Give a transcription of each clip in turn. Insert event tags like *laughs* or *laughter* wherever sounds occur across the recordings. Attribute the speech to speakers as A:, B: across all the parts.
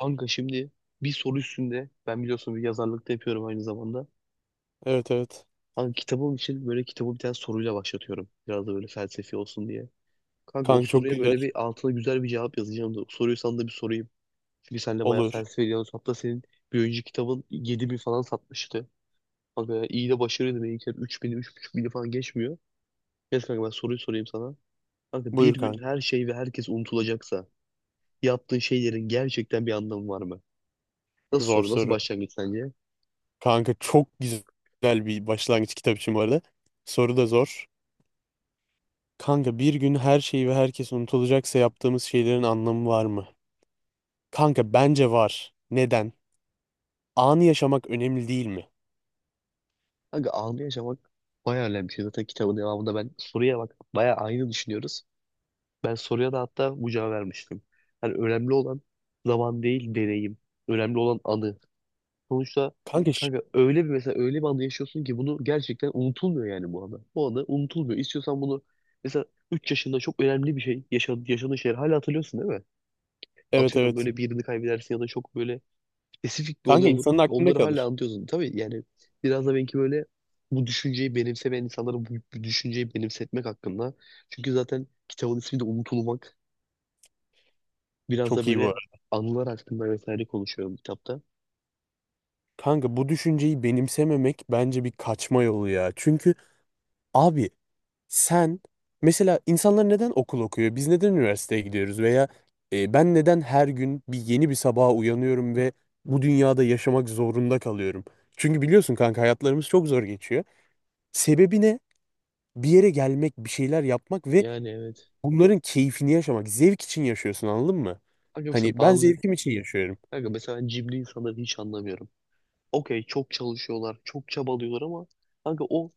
A: Kanka şimdi bir soru üstünde ben biliyorsun bir yazarlık da yapıyorum aynı zamanda.
B: Evet evet.
A: Kanka kitabım için böyle kitabı bir tane soruyla başlatıyorum. Biraz da böyle felsefi olsun diye. Kanka o
B: Kanka çok
A: soruya
B: güzel.
A: böyle bir altına güzel bir cevap yazacağım da soruyu sana da bir sorayım. Çünkü sen de bayağı
B: Olur.
A: felsefe ediyorsun. Hatta senin bir önceki kitabın 7.000 falan satmıştı. Kanka ya iyi de başarıydı. Benimkiler 3000'i 3500'i falan geçmiyor. Neyse kanka ben soruyu sorayım sana. Kanka bir
B: Buyur
A: gün
B: kanka.
A: her şey ve herkes unutulacaksa yaptığın şeylerin gerçekten bir anlamı var mı? Nasıl
B: Zor
A: soru? Nasıl
B: soru.
A: başlangıç sence?
B: Kanka çok güzel bir başlangıç kitap için bu arada. Soru da zor. Kanka bir gün her şey ve herkes unutulacaksa yaptığımız şeylerin anlamı var mı? Kanka bence var. Neden? Anı yaşamak önemli değil mi?
A: Kanka anı yaşamak bayağı önemli bir şey. Zaten kitabın devamında ben soruya bak bayağı aynı düşünüyoruz. Ben soruya da hatta bu cevabı vermiştim. Yani önemli olan zaman değil deneyim. Önemli olan anı. Sonuçta
B: Kanka
A: kanka öyle bir mesela öyle bir anda yaşıyorsun ki bunu gerçekten unutulmuyor yani bu anı. Bu anı unutulmuyor. İstiyorsan bunu mesela 3 yaşında çok önemli bir şey yaşadığın şeyleri hala hatırlıyorsun değil mi?
B: evet
A: Atıyorum
B: evet.
A: böyle birini kaybedersin ya da çok böyle spesifik bir olay
B: Kanka
A: olur.
B: insanın aklında
A: Onları hala
B: kalır.
A: anlatıyorsun. Tabii yani biraz da belki böyle bu düşünceyi benimsemeyen insanlara bu düşünceyi benimsetmek hakkında. Çünkü zaten kitabın ismi de unutulmak. Biraz da
B: Çok iyi bu
A: böyle
B: arada.
A: anılar hakkında vesaire konuşuyorum kitapta.
B: Kanka bu düşünceyi benimsememek bence bir kaçma yolu ya. Çünkü abi sen, mesela insanlar neden okul okuyor? Biz neden üniversiteye gidiyoruz? Veya ben neden her gün bir yeni bir sabaha uyanıyorum ve bu dünyada yaşamak zorunda kalıyorum? Çünkü biliyorsun kanka hayatlarımız çok zor geçiyor. Sebebi ne? Bir yere gelmek, bir şeyler yapmak ve
A: Yani evet.
B: bunların keyfini yaşamak. Zevk için yaşıyorsun anladın mı?
A: Kanka mesela
B: Hani ben
A: bazı
B: zevkim için yaşıyorum.
A: Kanka mesela cimri insanları hiç anlamıyorum. Okey çok çalışıyorlar, çok çabalıyorlar ama kanka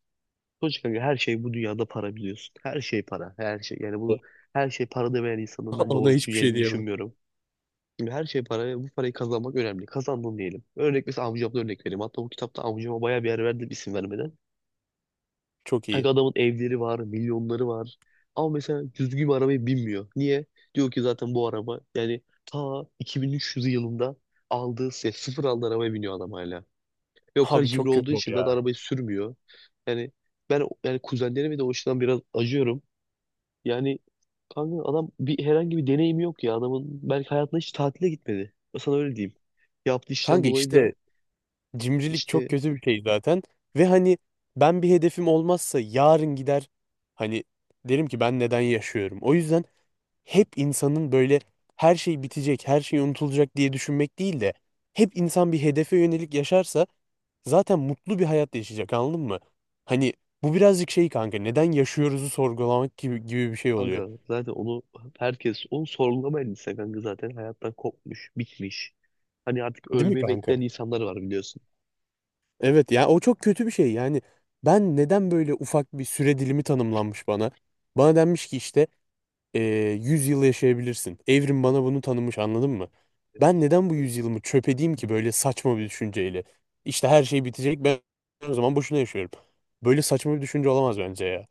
A: sonuçta kanka her şey bu dünyada para biliyorsun. Her şey para, her şey. Yani her şey para demeyen insanın
B: *laughs*
A: ben
B: Ona
A: doğru
B: hiçbir şey
A: düşüneceğini
B: diyemem.
A: düşünmüyorum. Şimdi her şey para ve bu parayı kazanmak önemli. Kazandın diyelim. Mesela amcamdan örnek vereyim. Hatta bu kitapta amcama bayağı bir yer verdim isim vermeden.
B: Çok
A: Kanka
B: iyi.
A: adamın evleri var, milyonları var. Ama mesela düzgün bir arabayı binmiyor. Niye? Diyor ki zaten bu araba yani ta 2300 yılında aldığı sıfır aldığı arabaya biniyor adam hala. Ve o kadar
B: Abi
A: cimri
B: çok kötü.
A: olduğu için zaten arabayı sürmüyor. Yani ben yani kuzenlerime de o açıdan biraz acıyorum. Yani kanka adam herhangi bir deneyim yok ya adamın. Belki hayatında hiç tatile gitmedi. Ben sana öyle diyeyim. Yaptığı işten
B: Kanka
A: dolayı da
B: işte cimrilik çok
A: işte
B: kötü bir şey zaten. Ve hani ben bir hedefim olmazsa yarın gider, hani derim ki ben neden yaşıyorum. O yüzden hep insanın böyle her şey bitecek, her şey unutulacak diye düşünmek değil de hep insan bir hedefe yönelik yaşarsa zaten mutlu bir hayat yaşayacak anladın mı? Hani bu birazcık şey kanka, neden yaşıyoruzu sorgulamak gibi, gibi bir şey oluyor.
A: kanka zaten herkes onu sorgulamayan insan kanka zaten hayattan kopmuş, bitmiş. Hani artık
B: Değil mi
A: ölmeyi
B: kanka?
A: bekleyen insanlar var biliyorsun.
B: Evet ya, o çok kötü bir şey yani. Ben neden böyle ufak bir süre dilimi tanımlanmış bana? Bana denmiş ki işte e, 100 yıl yaşayabilirsin. Evrim bana bunu tanımış, anladın mı? Ben
A: Evet.
B: neden bu 100 yılımı çöp edeyim ki böyle saçma bir düşünceyle? İşte her şey bitecek, ben o zaman boşuna yaşıyorum. Böyle saçma bir düşünce olamaz bence ya.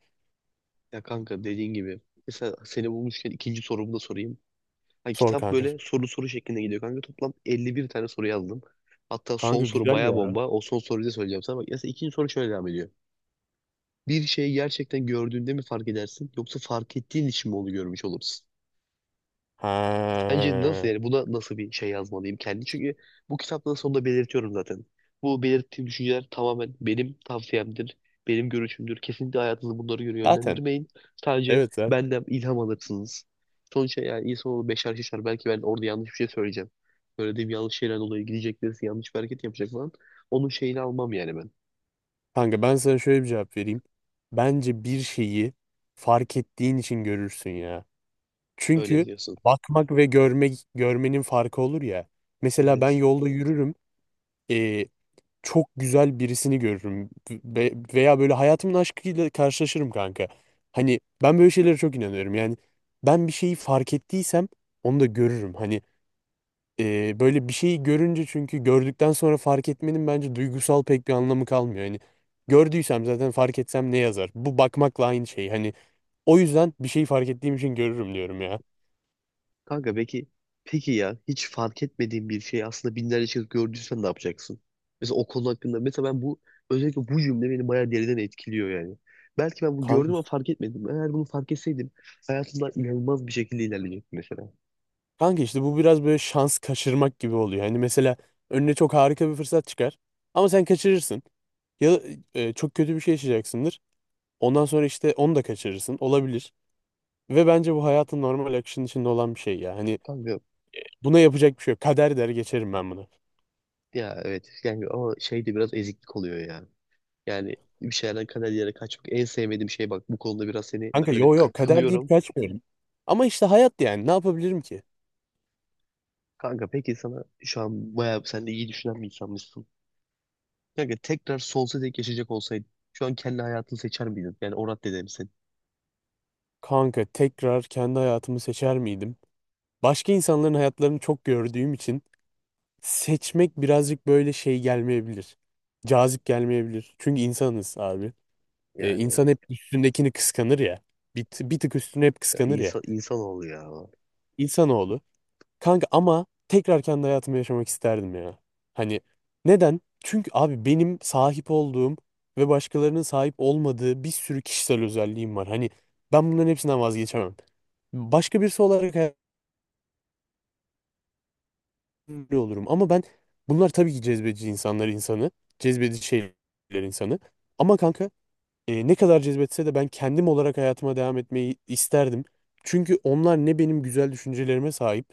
A: Ya kanka dediğin gibi mesela seni bulmuşken ikinci sorumu da sorayım. Hani
B: Sor
A: kitap
B: kanka.
A: böyle soru soru şeklinde gidiyor kanka. Toplam 51 tane soru yazdım. Hatta son
B: Kanka
A: soru
B: güzel
A: baya
B: ya.
A: bomba. O son soruyu da söyleyeceğim sana. Bak mesela ikinci soru şöyle devam ediyor. Bir şeyi gerçekten gördüğünde mi fark edersin yoksa fark ettiğin için mi onu görmüş olursun? Bence nasıl
B: Ha.
A: yani buna nasıl bir şey yazmalıyım kendi? Çünkü bu kitaptan sonunda belirtiyorum zaten. Bu belirttiğim düşünceler tamamen benim tavsiyemdir, benim görüşümdür. Kesinlikle hayatınızı bunlara göre
B: Zaten.
A: yönlendirmeyin. Sadece
B: Evet zaten.
A: benden ilham alırsınız. Sonuçta yani insanoğlu beşer şişer. Belki ben orada yanlış bir şey söyleyeceğim. Söylediğim yanlış şeyler dolayı gidecek birisi yanlış bir hareket yapacak falan. Onun şeyini almam yani ben.
B: Kanka ben sana şöyle bir cevap vereyim. Bence bir şeyi fark ettiğin için görürsün ya.
A: Öyle
B: Çünkü
A: biliyorsun.
B: bakmak ve görmenin farkı olur ya. Mesela ben
A: Evet.
B: yolda yürürüm. E, Çok güzel birisini görürüm veya böyle hayatımın aşkıyla karşılaşırım kanka. Hani ben böyle şeylere çok inanıyorum. Yani ben bir şeyi fark ettiysem onu da görürüm. Hani böyle bir şeyi görünce, çünkü gördükten sonra fark etmenin bence duygusal pek bir anlamı kalmıyor. Hani gördüysem zaten fark etsem ne yazar? Bu bakmakla aynı şey. Hani o yüzden bir şeyi fark ettiğim için görürüm diyorum ya.
A: Kanka peki ya hiç fark etmediğin bir şeyi aslında binlerce kez gördüysen ne yapacaksın? Mesela o konu hakkında mesela ben özellikle bu cümle beni bayağı deriden etkiliyor yani. Belki ben bunu gördüm ama fark etmedim. Eğer bunu fark etseydim hayatımda inanılmaz bir şekilde ilerleyecektim mesela.
B: Kanka işte bu biraz böyle şans kaçırmak gibi oluyor. Hani mesela önüne çok harika bir fırsat çıkar ama sen kaçırırsın. Ya da çok kötü bir şey yaşayacaksındır. Ondan sonra işte onu da kaçırırsın. Olabilir. Ve bence bu hayatın normal akışının içinde olan bir şey ya. Hani
A: Kanka
B: buna yapacak bir şey yok. Kader der geçerim ben bunu.
A: ya evet yani ama şey de biraz eziklik oluyor ya. Yani bir şeylerden kader yere kaçmak en sevmediğim şey bak bu konuda biraz seni
B: Kanka
A: böyle
B: yo yo, kader deyip
A: kınıyorum.
B: kaçmıyorum. Ama işte hayat, yani ne yapabilirim ki?
A: Kanka peki sana şu an bayağı sen de iyi düşünen bir insanmışsın. Kanka tekrar sol tek yaşayacak olsaydın şu an kendi hayatını seçer miydin? Yani o raddede misin?
B: Kanka tekrar kendi hayatımı seçer miydim? Başka insanların hayatlarını çok gördüğüm için seçmek birazcık böyle şey gelmeyebilir. Cazip gelmeyebilir. Çünkü insanız abi.
A: Yani
B: İnsan
A: evet
B: hep üstündekini kıskanır ya. Bir tık üstüne hep
A: ya,
B: kıskanır ya.
A: insanoğlu ya.
B: İnsanoğlu. Kanka ama tekrar kendi hayatımı yaşamak isterdim ya. Hani neden? Çünkü abi benim sahip olduğum ve başkalarının sahip olmadığı bir sürü kişisel özelliğim var. Hani ben bunların hepsinden vazgeçemem. Başka birisi olarak öyle olurum. Ama ben, bunlar tabii ki cezbedici insanı. Cezbedici şeyler insanı. Ama kanka ne kadar cezbetse de ben kendim olarak hayatıma devam etmeyi isterdim. Çünkü onlar ne benim güzel düşüncelerime sahip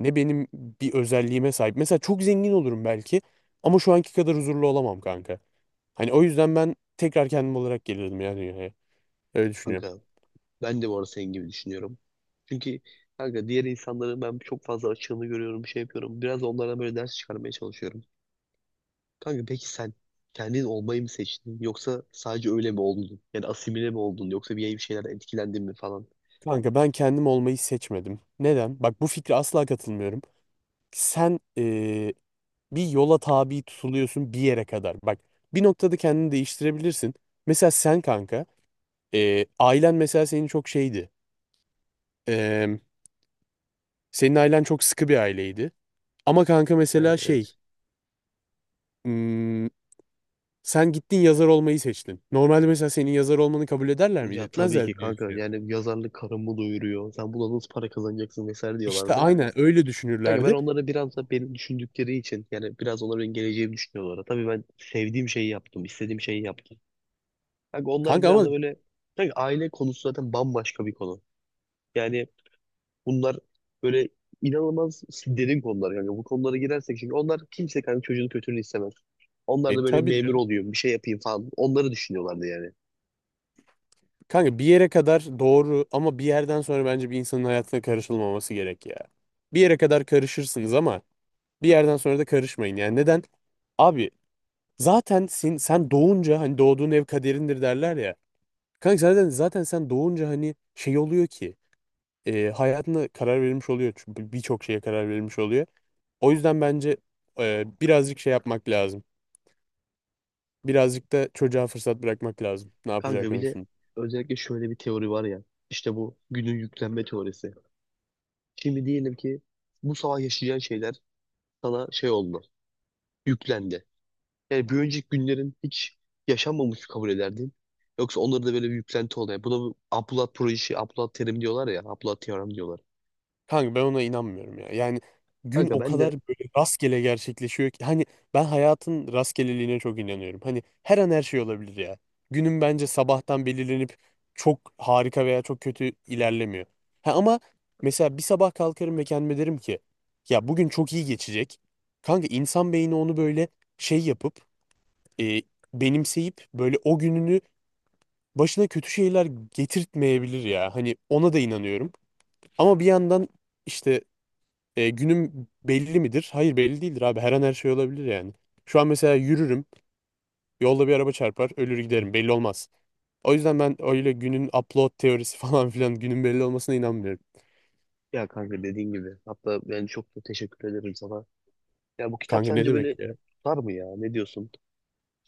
B: ne benim bir özelliğime sahip. Mesela çok zengin olurum belki ama şu anki kadar huzurlu olamam kanka. Hani o yüzden ben tekrar kendim olarak gelirdim yani dünyaya. Öyle düşünüyorum.
A: Kanka ben de bu arada senin gibi düşünüyorum. Çünkü kanka diğer insanların ben çok fazla açığını görüyorum, şey yapıyorum. Biraz da onlardan böyle ders çıkarmaya çalışıyorum. Kanka peki sen kendin olmayı mı seçtin? Yoksa sadece öyle mi oldun? Yani asimile mi oldun? Yoksa bir şeylerden etkilendin mi falan?
B: Kanka ben kendim olmayı seçmedim. Neden? Bak, bu fikre asla katılmıyorum. Sen bir yola tabi tutuluyorsun bir yere kadar. Bak, bir noktada kendini değiştirebilirsin. Mesela sen kanka, ailen mesela senin çok şeydi. E, Senin ailen çok sıkı bir aileydi. Ama kanka
A: Yani
B: mesela şey,
A: evet.
B: hmm, sen gittin yazar olmayı seçtin. Normalde mesela senin yazar olmanı kabul ederler miydi?
A: Ya tabii ki
B: Etmezler diye
A: kanka
B: düşünüyorum.
A: yani yazarlık karımı doyuruyor. Sen buna nasıl para kazanacaksın vesaire
B: İşte
A: diyorlardı.
B: aynen öyle
A: Kanka ben
B: düşünürlerdi.
A: onları biraz da beni düşündükleri için yani biraz onların benim geleceğimi düşünüyorlar. Tabii ben sevdiğim şeyi yaptım, istediğim şeyi yaptım. Kanka onlar
B: Kanka
A: biraz
B: ama
A: da böyle kanka aile konusu zaten bambaşka bir konu. Yani bunlar böyle inanılmaz derin konular kanka. Bu konulara girersek çünkü onlar kimse kanka çocuğun kötülüğünü istemez. Onlar da böyle
B: tabii
A: memur
B: canım.
A: oluyor, bir şey yapayım falan. Onları düşünüyorlardı yani.
B: Kanka bir yere kadar doğru ama bir yerden sonra bence bir insanın hayatına karışılmaması gerek ya. Bir yere kadar karışırsınız ama bir yerden sonra da karışmayın. Yani neden? Abi zaten sen doğunca hani doğduğun ev kaderindir derler ya. Kanka zaten sen doğunca, hani şey oluyor ki hayatına karar verilmiş oluyor. Çünkü birçok şeye karar verilmiş oluyor. O yüzden bence birazcık şey yapmak lazım. Birazcık da çocuğa fırsat bırakmak lazım, ne yapacağı
A: Kanka bir de
B: konusunda.
A: özellikle şöyle bir teori var ya. İşte bu günün yüklenme teorisi. Şimdi diyelim ki bu sabah yaşayacağın şeyler sana şey oldu, yüklendi. Yani bir önceki günlerin hiç yaşanmamış kabul ederdin? Yoksa onları da böyle bir yüklenti oluyor. Buna Abdullah projesi, Abdullah terim diyorlar ya, Abdullah teorem diyorlar.
B: Kanka ben ona inanmıyorum ya. Yani gün
A: Kanka
B: o
A: ben de
B: kadar *laughs* böyle rastgele gerçekleşiyor ki, hani ben hayatın rastgeleliğine çok inanıyorum. Hani her an her şey olabilir ya. Günün bence sabahtan belirlenip çok harika veya çok kötü ilerlemiyor. Ha ama mesela bir sabah kalkarım ve kendime derim ki ya, bugün çok iyi geçecek. Kanka insan beyni onu böyle şey yapıp, e, benimseyip böyle o gününü başına kötü şeyler getirtmeyebilir ya. Hani ona da inanıyorum. Ama bir yandan işte, günüm belli midir? Hayır, belli değildir abi. Her an her şey olabilir yani. Şu an mesela yürürüm. Yolda bir araba çarpar. Ölür giderim. Belli olmaz. O yüzden ben öyle günün upload teorisi *laughs* falan filan, günün belli olmasına inanmıyorum.
A: ya kanka dediğin gibi. Hatta ben çok da teşekkür ederim sana. Ya bu kitap
B: Kanka ne
A: sence
B: demek
A: böyle
B: ya?
A: tutar mı ya? Ne diyorsun?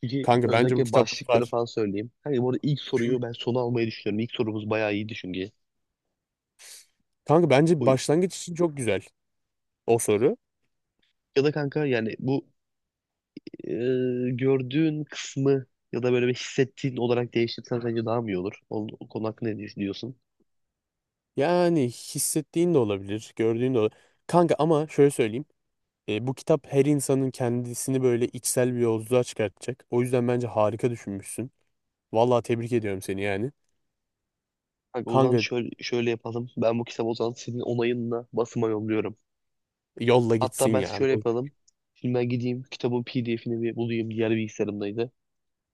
A: Çünkü
B: Kanka bence bu
A: özellikle
B: kitap
A: başlıkları
B: tutar.
A: falan söyleyeyim. Kanka bu arada ilk soruyu ben sona almayı düşünüyorum. İlk sorumuz bayağı iyiydi çünkü.
B: Kanka bence
A: Bu,
B: başlangıç için çok güzel o soru.
A: ya da kanka yani e, gördüğün kısmı ya da böyle bir hissettiğin olarak değiştirsen sence daha mı iyi olur? O konu hakkında ne düşünüyorsun?
B: Yani hissettiğin de olabilir. Gördüğün de olabilir. Kanka ama şöyle söyleyeyim. Bu kitap her insanın kendisini böyle içsel bir yolculuğa çıkartacak. O yüzden bence harika düşünmüşsün. Vallahi tebrik ediyorum seni yani.
A: Kanka o zaman
B: Kanka,
A: şöyle yapalım. Ben bu kitabı o zaman senin onayınla basıma yolluyorum.
B: yolla
A: Hatta
B: gitsin
A: ben
B: yani.
A: şöyle
B: Olur.
A: yapalım. Şimdi ben gideyim kitabın PDF'ini bir bulayım. Diğer bilgisayarımdaydı.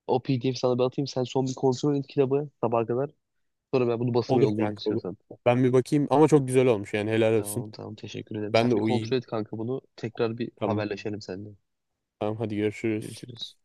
A: O PDF sana bir atayım. Sen son bir kontrol et kitabı sabaha kadar. Sonra ben bunu basıma
B: Olur
A: yollayayım
B: kanka, olur.
A: istiyorsan.
B: Ben bir bakayım ama çok güzel olmuş, yani helal olsun.
A: Tamam, tamam, teşekkür ederim. Sen
B: Ben de
A: bir
B: uyuyayım.
A: kontrol et kanka bunu. Tekrar bir
B: Tamam.
A: haberleşelim seninle.
B: Tamam hadi, görüşürüz.
A: Görüşürüz.